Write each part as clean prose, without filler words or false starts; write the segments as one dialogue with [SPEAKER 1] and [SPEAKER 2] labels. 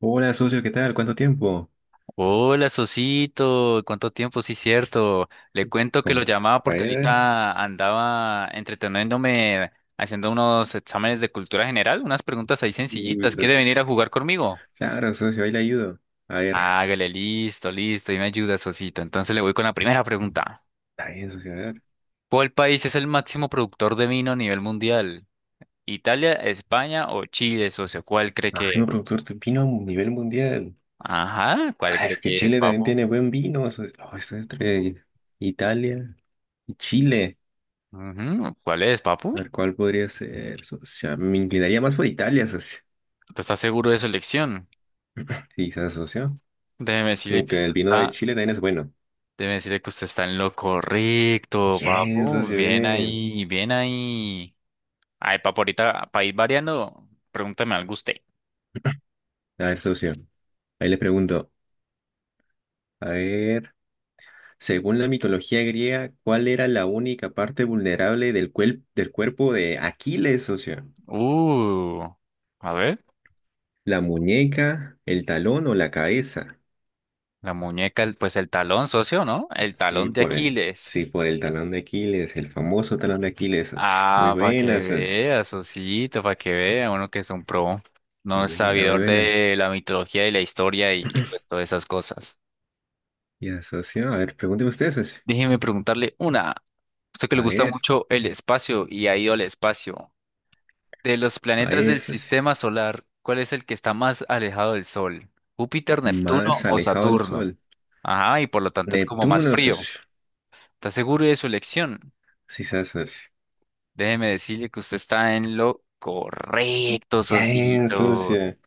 [SPEAKER 1] Hola, socio, ¿qué tal? ¿Cuánto tiempo?
[SPEAKER 2] Hola, Sosito, ¿cuánto tiempo? Sí, cierto. Le cuento que lo
[SPEAKER 1] Com-
[SPEAKER 2] llamaba
[SPEAKER 1] A
[SPEAKER 2] porque
[SPEAKER 1] ver, a ver.
[SPEAKER 2] ahorita andaba entreteniéndome haciendo unos exámenes de cultura general, unas preguntas ahí
[SPEAKER 1] Uy,
[SPEAKER 2] sencillitas. ¿Quiere venir a
[SPEAKER 1] socio.
[SPEAKER 2] jugar conmigo?
[SPEAKER 1] Claro, socio, ahí le ayudo. A ver,
[SPEAKER 2] Hágale, listo, listo, y me ayuda, Sosito. Entonces le voy con la primera pregunta.
[SPEAKER 1] está bien, socio, a ver.
[SPEAKER 2] ¿Cuál país es el máximo productor de vino a nivel mundial? ¿Italia, España o Chile, socio? ¿Cuál cree que
[SPEAKER 1] Máximo
[SPEAKER 2] es?
[SPEAKER 1] productor de vino a nivel mundial.
[SPEAKER 2] Ajá, ¿cuál
[SPEAKER 1] Ah,
[SPEAKER 2] cree
[SPEAKER 1] es que
[SPEAKER 2] que es,
[SPEAKER 1] Chile también
[SPEAKER 2] papu?
[SPEAKER 1] tiene buen vino, socio. Oh, está entre Italia y Chile.
[SPEAKER 2] Ujú, ¿cuál es,
[SPEAKER 1] A
[SPEAKER 2] papu?
[SPEAKER 1] ver, ¿cuál podría ser, socio? Ah, me inclinaría más por Italia, socio.
[SPEAKER 2] ¿Tú estás seguro de su elección?
[SPEAKER 1] Quizás, socio.
[SPEAKER 2] Déjeme decirle que
[SPEAKER 1] Aunque
[SPEAKER 2] usted
[SPEAKER 1] el vino de
[SPEAKER 2] está,
[SPEAKER 1] Chile también es bueno.
[SPEAKER 2] déjeme decirle que usted está en lo correcto,
[SPEAKER 1] Bien,
[SPEAKER 2] papu.
[SPEAKER 1] socio,
[SPEAKER 2] Bien
[SPEAKER 1] bien.
[SPEAKER 2] ahí, bien ahí. Ay, papu, ahorita, para ir variando, pregúntame algo usted.
[SPEAKER 1] A ver, socio, ahí le pregunto. A ver. Según la mitología griega, ¿cuál era la única parte vulnerable del cuerpo de Aquiles, socio?
[SPEAKER 2] Uh, a ver,
[SPEAKER 1] ¿La muñeca, el talón o la cabeza?
[SPEAKER 2] la muñeca, pues el talón, socio, ¿no? El
[SPEAKER 1] Sí,
[SPEAKER 2] talón de
[SPEAKER 1] por el,
[SPEAKER 2] Aquiles.
[SPEAKER 1] sí, por el talón de Aquiles, el famoso talón de Aquiles, socio. Muy
[SPEAKER 2] Ah, para que
[SPEAKER 1] buena, socio.
[SPEAKER 2] vea, sociito, para que vea, uno que es un pro, no
[SPEAKER 1] Muy
[SPEAKER 2] es
[SPEAKER 1] buena, muy
[SPEAKER 2] sabidor
[SPEAKER 1] buena.
[SPEAKER 2] de la mitología y la historia y pues todas esas cosas.
[SPEAKER 1] Ya, socio, a ver, pregúnteme usted, socio.
[SPEAKER 2] Déjeme preguntarle una. Usted que le
[SPEAKER 1] A
[SPEAKER 2] gusta
[SPEAKER 1] ver,
[SPEAKER 2] mucho el espacio y ha ido al espacio. De los
[SPEAKER 1] a
[SPEAKER 2] planetas
[SPEAKER 1] ver,
[SPEAKER 2] del
[SPEAKER 1] socio.
[SPEAKER 2] sistema solar, ¿cuál es el que está más alejado del Sol? ¿Júpiter, Neptuno
[SPEAKER 1] Más
[SPEAKER 2] o
[SPEAKER 1] alejado del
[SPEAKER 2] Saturno?
[SPEAKER 1] sol.
[SPEAKER 2] Ajá, y por lo tanto es como más
[SPEAKER 1] Neptuno,
[SPEAKER 2] frío.
[SPEAKER 1] socio.
[SPEAKER 2] ¿Está seguro de su elección?
[SPEAKER 1] Sí, sí, socio.
[SPEAKER 2] Déjeme decirle que usted está en lo correcto,
[SPEAKER 1] Bien,
[SPEAKER 2] socito.
[SPEAKER 1] socio.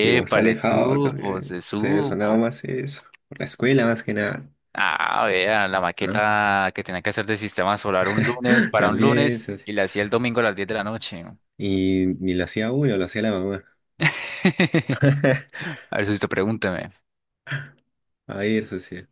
[SPEAKER 1] Que como está
[SPEAKER 2] le
[SPEAKER 1] alejado
[SPEAKER 2] supo,
[SPEAKER 1] también,
[SPEAKER 2] se
[SPEAKER 1] o sea, me
[SPEAKER 2] supo.
[SPEAKER 1] sonaba más eso, por la escuela más que nada,
[SPEAKER 2] Ah, vea, la
[SPEAKER 1] ¿no?
[SPEAKER 2] maqueta que tenía que hacer de sistema solar un lunes para un
[SPEAKER 1] También,
[SPEAKER 2] lunes
[SPEAKER 1] socio.
[SPEAKER 2] y la hacía el domingo a las 10 de la noche.
[SPEAKER 1] Y ni lo hacía uno, lo hacía la mamá.
[SPEAKER 2] A ver, si pregúnteme.
[SPEAKER 1] A ver, socio,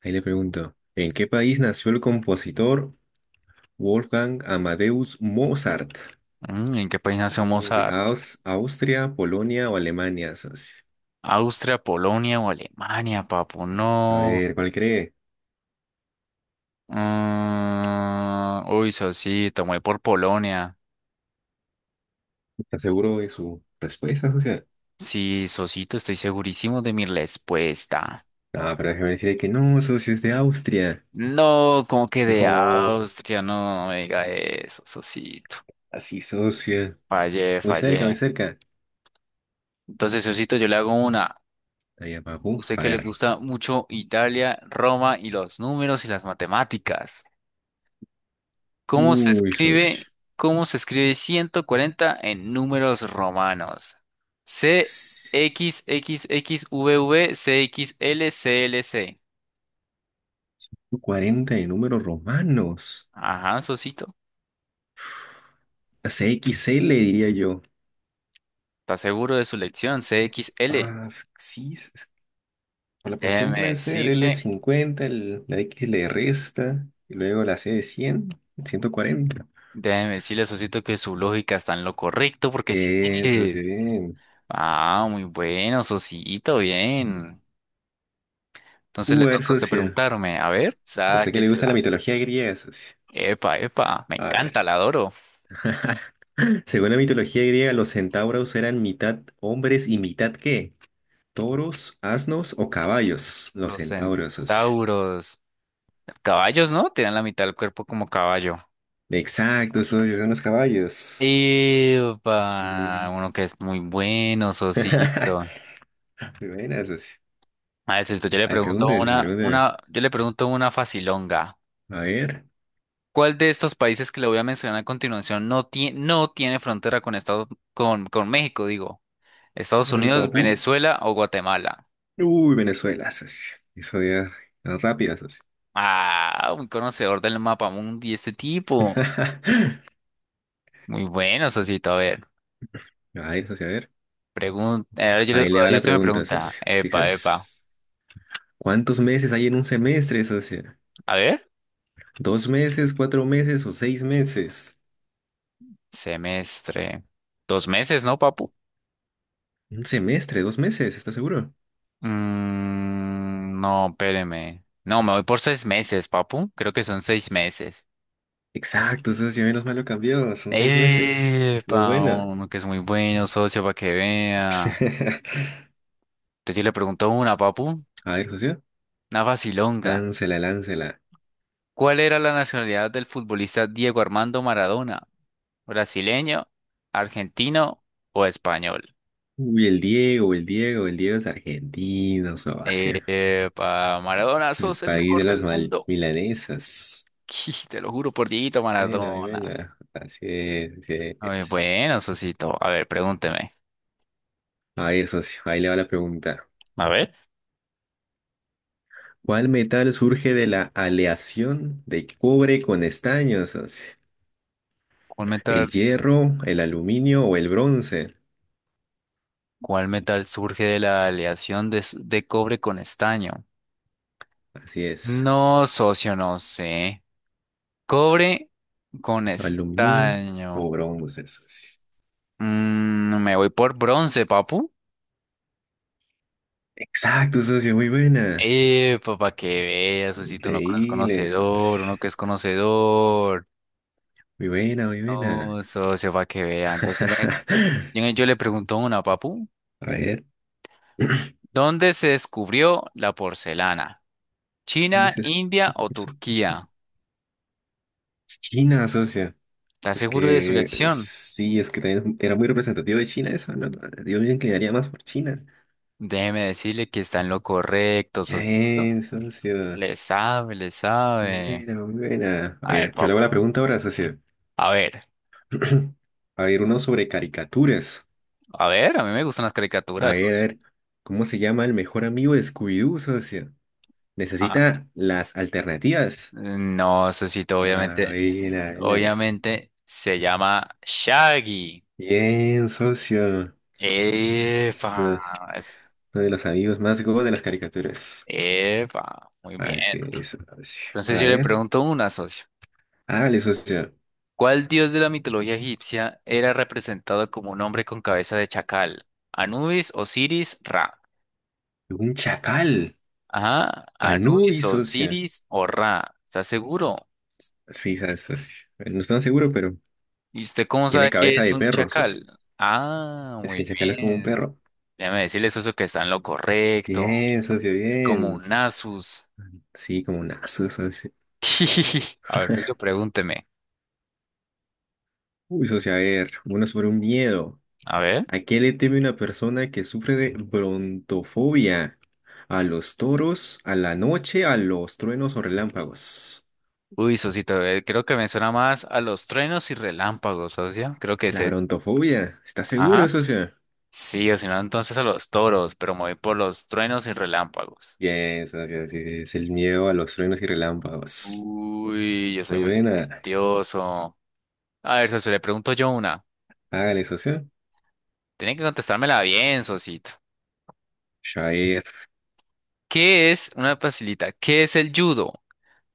[SPEAKER 1] ahí le pregunto, ¿en qué país nació el compositor Wolfgang Amadeus Mozart?
[SPEAKER 2] Mm, ¿en qué país nació
[SPEAKER 1] Uy,
[SPEAKER 2] Mozart?
[SPEAKER 1] Austria, Polonia o Alemania, socio.
[SPEAKER 2] ¿Austria, Polonia o Alemania, papu?
[SPEAKER 1] A
[SPEAKER 2] No.
[SPEAKER 1] ver, ¿cuál cree?
[SPEAKER 2] Mm, uy, Sosito, me voy por Polonia.
[SPEAKER 1] ¿Está seguro de su respuesta, socio?
[SPEAKER 2] Sí, Sosito, estoy segurísimo de mi respuesta.
[SPEAKER 1] Ah, pero déjeme decirle que no, socio, es de Austria.
[SPEAKER 2] No, como que de
[SPEAKER 1] No,
[SPEAKER 2] Austria, no, me diga eso, Sosito.
[SPEAKER 1] así, socio.
[SPEAKER 2] Fallé,
[SPEAKER 1] Muy cerca, muy
[SPEAKER 2] fallé.
[SPEAKER 1] cerca.
[SPEAKER 2] Entonces, Sosito, yo le hago una.
[SPEAKER 1] Allá, abajo.
[SPEAKER 2] Usted
[SPEAKER 1] A
[SPEAKER 2] que le
[SPEAKER 1] ver.
[SPEAKER 2] gusta mucho Italia, Roma y los números y las matemáticas. ¿Cómo se
[SPEAKER 1] Uy, socio.
[SPEAKER 2] escribe, cómo se escribe 140 en números romanos? C,
[SPEAKER 1] S-
[SPEAKER 2] X, X, X, V, V, C, X, L, C, L, C.
[SPEAKER 1] 40 de números romanos.
[SPEAKER 2] Ajá, Sosito.
[SPEAKER 1] CXL, le diría yo.
[SPEAKER 2] ¿Está seguro de su lección? C, X, L.
[SPEAKER 1] Ah, sí. Por la posición
[SPEAKER 2] Déjeme
[SPEAKER 1] puede ser l
[SPEAKER 2] decirle,
[SPEAKER 1] cincuenta la X le resta, y luego la C de 100, 140.
[SPEAKER 2] déjeme decirle, Sosito, que su lógica está en lo correcto porque sí.
[SPEAKER 1] Bien, socio, bien.
[SPEAKER 2] Ah, muy bueno, Sosito, bien. Entonces le
[SPEAKER 1] A ver,
[SPEAKER 2] toca a usted
[SPEAKER 1] socio.
[SPEAKER 2] preguntarme, a ver,
[SPEAKER 1] ¿A usted que le gusta la
[SPEAKER 2] sáquesela.
[SPEAKER 1] mitología griega, socio?
[SPEAKER 2] Epa, epa, me
[SPEAKER 1] A ver.
[SPEAKER 2] encanta, la adoro.
[SPEAKER 1] Según la mitología griega, los centauros eran mitad hombres y mitad ¿qué? Toros, asnos o caballos. Los
[SPEAKER 2] Los
[SPEAKER 1] centauros, socio.
[SPEAKER 2] centauros, caballos, ¿no? Tienen la mitad del cuerpo como caballo.
[SPEAKER 1] Exacto, socio, son los caballos.
[SPEAKER 2] Epa,
[SPEAKER 1] Sí.
[SPEAKER 2] uno que es muy bueno, Sosito.
[SPEAKER 1] Muy buena, socio.
[SPEAKER 2] A ver, Sosito, yo le
[SPEAKER 1] Ay,
[SPEAKER 2] pregunto
[SPEAKER 1] pregúntese, sí, pregúntese.
[SPEAKER 2] una, yo le pregunto una facilonga.
[SPEAKER 1] A ver,
[SPEAKER 2] ¿Cuál de estos países que le voy a mencionar a continuación no tiene frontera con Estados, con México, digo?
[SPEAKER 1] a
[SPEAKER 2] ¿Estados
[SPEAKER 1] ver,
[SPEAKER 2] Unidos,
[SPEAKER 1] papu.
[SPEAKER 2] Venezuela o Guatemala?
[SPEAKER 1] Uy, Venezuela, socio. Eso ya es rápida, socio.
[SPEAKER 2] Ah, un conocedor del mapa mundi, este tipo. Muy bueno, Sosito. A ver,
[SPEAKER 1] A ver, socio, a ver.
[SPEAKER 2] pregunta. Ahora yo, le-
[SPEAKER 1] Ahí le va
[SPEAKER 2] ahora
[SPEAKER 1] la
[SPEAKER 2] usted me
[SPEAKER 1] pregunta,
[SPEAKER 2] pregunta.
[SPEAKER 1] socio. Sí,
[SPEAKER 2] Epa, epa.
[SPEAKER 1] ¿sabes? ¿Cuántos meses hay en un semestre, socio?
[SPEAKER 2] A ver,
[SPEAKER 1] ¿2 meses, 4 meses o 6 meses?
[SPEAKER 2] semestre. 2 meses, ¿no, papu?
[SPEAKER 1] Un semestre, 2 meses, ¿estás seguro?
[SPEAKER 2] Mm, no, espéreme. No, me voy por 6 meses, papu. Creo que son 6 meses.
[SPEAKER 1] Exacto, socio, menos mal lo cambió, son 6 meses. Muy
[SPEAKER 2] Epa,
[SPEAKER 1] buena.
[SPEAKER 2] uno que es muy bueno, socio, para que vea. Entonces yo le pregunto una, papu.
[SPEAKER 1] A ver, socio,
[SPEAKER 2] Una facilonga.
[SPEAKER 1] láncela, láncela.
[SPEAKER 2] ¿Cuál era la nacionalidad del futbolista Diego Armando Maradona? ¿Brasileño, argentino o español?
[SPEAKER 1] Uy, el Diego, el Diego, el Diego es argentino, socio.
[SPEAKER 2] Para Maradona,
[SPEAKER 1] El
[SPEAKER 2] sos el
[SPEAKER 1] país
[SPEAKER 2] mejor
[SPEAKER 1] de las
[SPEAKER 2] del mundo.
[SPEAKER 1] milanesas.
[SPEAKER 2] Te lo juro por Dieguito
[SPEAKER 1] Buena, mi
[SPEAKER 2] Maradona.
[SPEAKER 1] buena. Así es, así
[SPEAKER 2] A ver,
[SPEAKER 1] es.
[SPEAKER 2] bueno, Sosito. A ver, pregúnteme.
[SPEAKER 1] A ver, socio, ahí le va la pregunta.
[SPEAKER 2] A ver.
[SPEAKER 1] ¿Cuál metal surge de la aleación de cobre con estaño, socio?
[SPEAKER 2] ¿Cuál metal,
[SPEAKER 1] ¿El hierro, el aluminio o el bronce?
[SPEAKER 2] cuál metal surge de la aleación de, de cobre con estaño?
[SPEAKER 1] Así es.
[SPEAKER 2] No, socio, no sé. Cobre con
[SPEAKER 1] Aluminio o
[SPEAKER 2] estaño.
[SPEAKER 1] bronce, socio.
[SPEAKER 2] Mm, me voy por bronce, papu.
[SPEAKER 1] Exacto, socio, muy buena.
[SPEAKER 2] Para que veas, socito, uno que no es
[SPEAKER 1] Increíble,
[SPEAKER 2] conocedor,
[SPEAKER 1] socio.
[SPEAKER 2] uno que es conocedor.
[SPEAKER 1] Muy buena, muy buena.
[SPEAKER 2] No, socio, para que vea. Entonces, venga, venga, yo le pregunto una, papu.
[SPEAKER 1] A ver,
[SPEAKER 2] ¿Dónde se descubrió la porcelana?
[SPEAKER 1] ¿dónde
[SPEAKER 2] ¿China,
[SPEAKER 1] es eso?
[SPEAKER 2] India o Turquía?
[SPEAKER 1] China, socio.
[SPEAKER 2] ¿Está
[SPEAKER 1] Es
[SPEAKER 2] seguro de su
[SPEAKER 1] que
[SPEAKER 2] elección?
[SPEAKER 1] sí, es que también era muy representativo de China eso, ¿no? Yo me inclinaría más por China.
[SPEAKER 2] Déjeme decirle que está en lo correcto, socito.
[SPEAKER 1] Bien, socio.
[SPEAKER 2] Le sabe, le
[SPEAKER 1] Muy
[SPEAKER 2] sabe.
[SPEAKER 1] buena, muy buena. A
[SPEAKER 2] A ver,
[SPEAKER 1] ver, yo le hago
[SPEAKER 2] papu.
[SPEAKER 1] la pregunta ahora, socio.
[SPEAKER 2] A ver,
[SPEAKER 1] A ver, uno sobre caricaturas.
[SPEAKER 2] a ver, a mí me gustan las caricaturas,
[SPEAKER 1] A
[SPEAKER 2] socio.
[SPEAKER 1] ver, ¿cómo se llama el mejor amigo de Scooby-Doo, socio? Necesita las alternativas.
[SPEAKER 2] No, Sosito,
[SPEAKER 1] A
[SPEAKER 2] obviamente,
[SPEAKER 1] ver,
[SPEAKER 2] s-
[SPEAKER 1] a ver.
[SPEAKER 2] obviamente se llama Shaggy.
[SPEAKER 1] Bien, socio.
[SPEAKER 2] Epa,
[SPEAKER 1] Es, eh,
[SPEAKER 2] es-
[SPEAKER 1] Uno de los amigos más go de las caricaturas.
[SPEAKER 2] epa, muy
[SPEAKER 1] Así
[SPEAKER 2] bien.
[SPEAKER 1] es, socio. A
[SPEAKER 2] Entonces yo le
[SPEAKER 1] ver.
[SPEAKER 2] pregunto una, socio.
[SPEAKER 1] Hágale, socio.
[SPEAKER 2] ¿Cuál dios de la mitología egipcia era representado como un hombre con cabeza de chacal? ¿Anubis, Osiris, Ra?
[SPEAKER 1] Un chacal.
[SPEAKER 2] Ajá, Anubis,
[SPEAKER 1] Anubis, socio.
[SPEAKER 2] Osiris o Ra. ¿Está seguro?
[SPEAKER 1] Sí, sabes, socio. No estoy tan seguro, pero
[SPEAKER 2] ¿Y usted cómo sabe
[SPEAKER 1] tiene
[SPEAKER 2] Que
[SPEAKER 1] cabeza
[SPEAKER 2] es
[SPEAKER 1] de
[SPEAKER 2] un
[SPEAKER 1] perro, socio.
[SPEAKER 2] chacal? Ah,
[SPEAKER 1] Es
[SPEAKER 2] muy
[SPEAKER 1] que el chacal es como un
[SPEAKER 2] bien.
[SPEAKER 1] perro.
[SPEAKER 2] Déjame decirle, socio, que está en lo correcto.
[SPEAKER 1] Bien, socio,
[SPEAKER 2] Es como
[SPEAKER 1] bien.
[SPEAKER 2] un Asus.
[SPEAKER 1] Sí, como un aso, socio.
[SPEAKER 2] A ver, socio, pregúnteme.
[SPEAKER 1] Uy, socio, a ver, uno sobre un miedo.
[SPEAKER 2] A ver.
[SPEAKER 1] ¿A qué le teme una persona que sufre de brontofobia? ¿A los toros, a la noche, a los truenos o relámpagos?
[SPEAKER 2] Uy, socito, creo que me suena más a los truenos y relámpagos, socio. Creo que es
[SPEAKER 1] La
[SPEAKER 2] este.
[SPEAKER 1] brontofobia, ¿estás seguro,
[SPEAKER 2] Ajá.
[SPEAKER 1] socio?
[SPEAKER 2] Sí, o si no, entonces a los toros, pero me voy por los truenos y relámpagos.
[SPEAKER 1] Bien, socio, sí, sí, es el miedo a los truenos y relámpagos.
[SPEAKER 2] Uy, yo soy
[SPEAKER 1] Muy
[SPEAKER 2] muy
[SPEAKER 1] buena,
[SPEAKER 2] talentoso. A ver, socio, le pregunto yo una.
[SPEAKER 1] hágale, socio.
[SPEAKER 2] Tiene que contestármela bien, socito.
[SPEAKER 1] Shair.
[SPEAKER 2] ¿Qué es, una facilita, qué es el judo?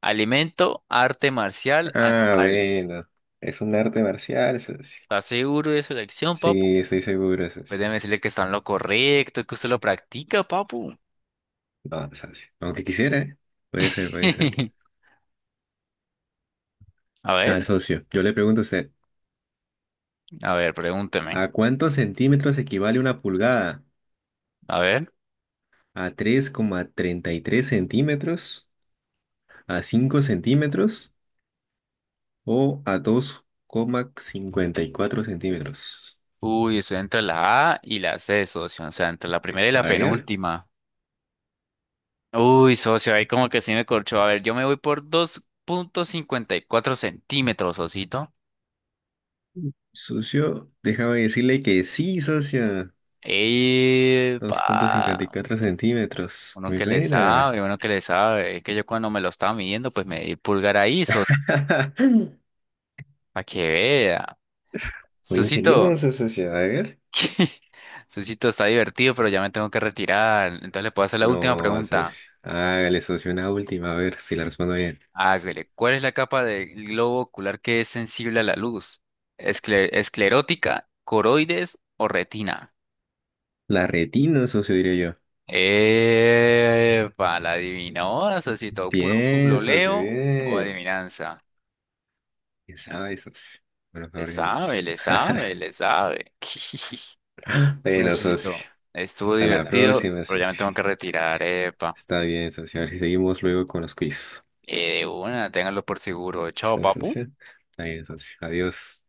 [SPEAKER 2] Alimento, arte marcial,
[SPEAKER 1] Ah,
[SPEAKER 2] animal.
[SPEAKER 1] bueno, es un arte marcial, socio.
[SPEAKER 2] ¿Estás seguro de su elección?
[SPEAKER 1] Sí, estoy seguro,
[SPEAKER 2] Pues
[SPEAKER 1] socio.
[SPEAKER 2] déjeme decirle que está en lo correcto, que usted lo practica, papu.
[SPEAKER 1] No, socio, aunque quisiera, ¿eh? Puede ser, puede ser.
[SPEAKER 2] A
[SPEAKER 1] Al
[SPEAKER 2] ver,
[SPEAKER 1] socio, yo le pregunto a usted.
[SPEAKER 2] a ver, pregúnteme.
[SPEAKER 1] ¿A cuántos centímetros equivale una pulgada?
[SPEAKER 2] A ver.
[SPEAKER 1] ¿A 3,33 centímetros? ¿A 5 centímetros? ¿O a 2,54 centímetros?
[SPEAKER 2] Uy, estoy entre la A y la C, socio. O sea, entre la primera y la
[SPEAKER 1] A ver,
[SPEAKER 2] penúltima. Uy, socio, ahí como que sí me corchó. A ver, yo me voy por 2.54 centímetros, socito.
[SPEAKER 1] socio, déjame decirle que sí, socio. dos coma cincuenta y
[SPEAKER 2] ¡Epa!
[SPEAKER 1] cuatro centímetros.
[SPEAKER 2] Uno
[SPEAKER 1] Muy
[SPEAKER 2] que le
[SPEAKER 1] buena.
[SPEAKER 2] sabe, uno que le sabe. Es que yo cuando me lo estaba midiendo, pues me di pulgar ahí, socio. Para que vea. Sí.
[SPEAKER 1] Muy
[SPEAKER 2] Socito,
[SPEAKER 1] ingenioso, socio. A ver.
[SPEAKER 2] Susito, está divertido, pero ya me tengo que retirar. Entonces le puedo hacer la última
[SPEAKER 1] No,
[SPEAKER 2] pregunta.
[SPEAKER 1] socio. Hágale, socio, una última. A ver si la respondo bien.
[SPEAKER 2] Hágale. ¿Cuál es la capa del globo ocular que es sensible a la luz? ¿ esclerótica, coroides o retina?
[SPEAKER 1] La retina, socio, diría.
[SPEAKER 2] Epa, la adivinó, Susito. ¿Puro
[SPEAKER 1] Bien, socio,
[SPEAKER 2] googleo o
[SPEAKER 1] bien.
[SPEAKER 2] adivinanza?
[SPEAKER 1] Ya sabes, socio. Bueno,
[SPEAKER 2] Le
[SPEAKER 1] que
[SPEAKER 2] sabe, le sabe, le sabe. Bueno,
[SPEAKER 1] Bueno, socio.
[SPEAKER 2] Susito, estuvo
[SPEAKER 1] Hasta la
[SPEAKER 2] divertido,
[SPEAKER 1] próxima,
[SPEAKER 2] pero ya me
[SPEAKER 1] socio.
[SPEAKER 2] tengo que retirar. Epa.
[SPEAKER 1] Está bien, socio. A ver si seguimos luego con los quiz.
[SPEAKER 2] De una, ténganlo por seguro. Chao,
[SPEAKER 1] ¿Sí,
[SPEAKER 2] papu.
[SPEAKER 1] socio? Está bien, socio. Adiós.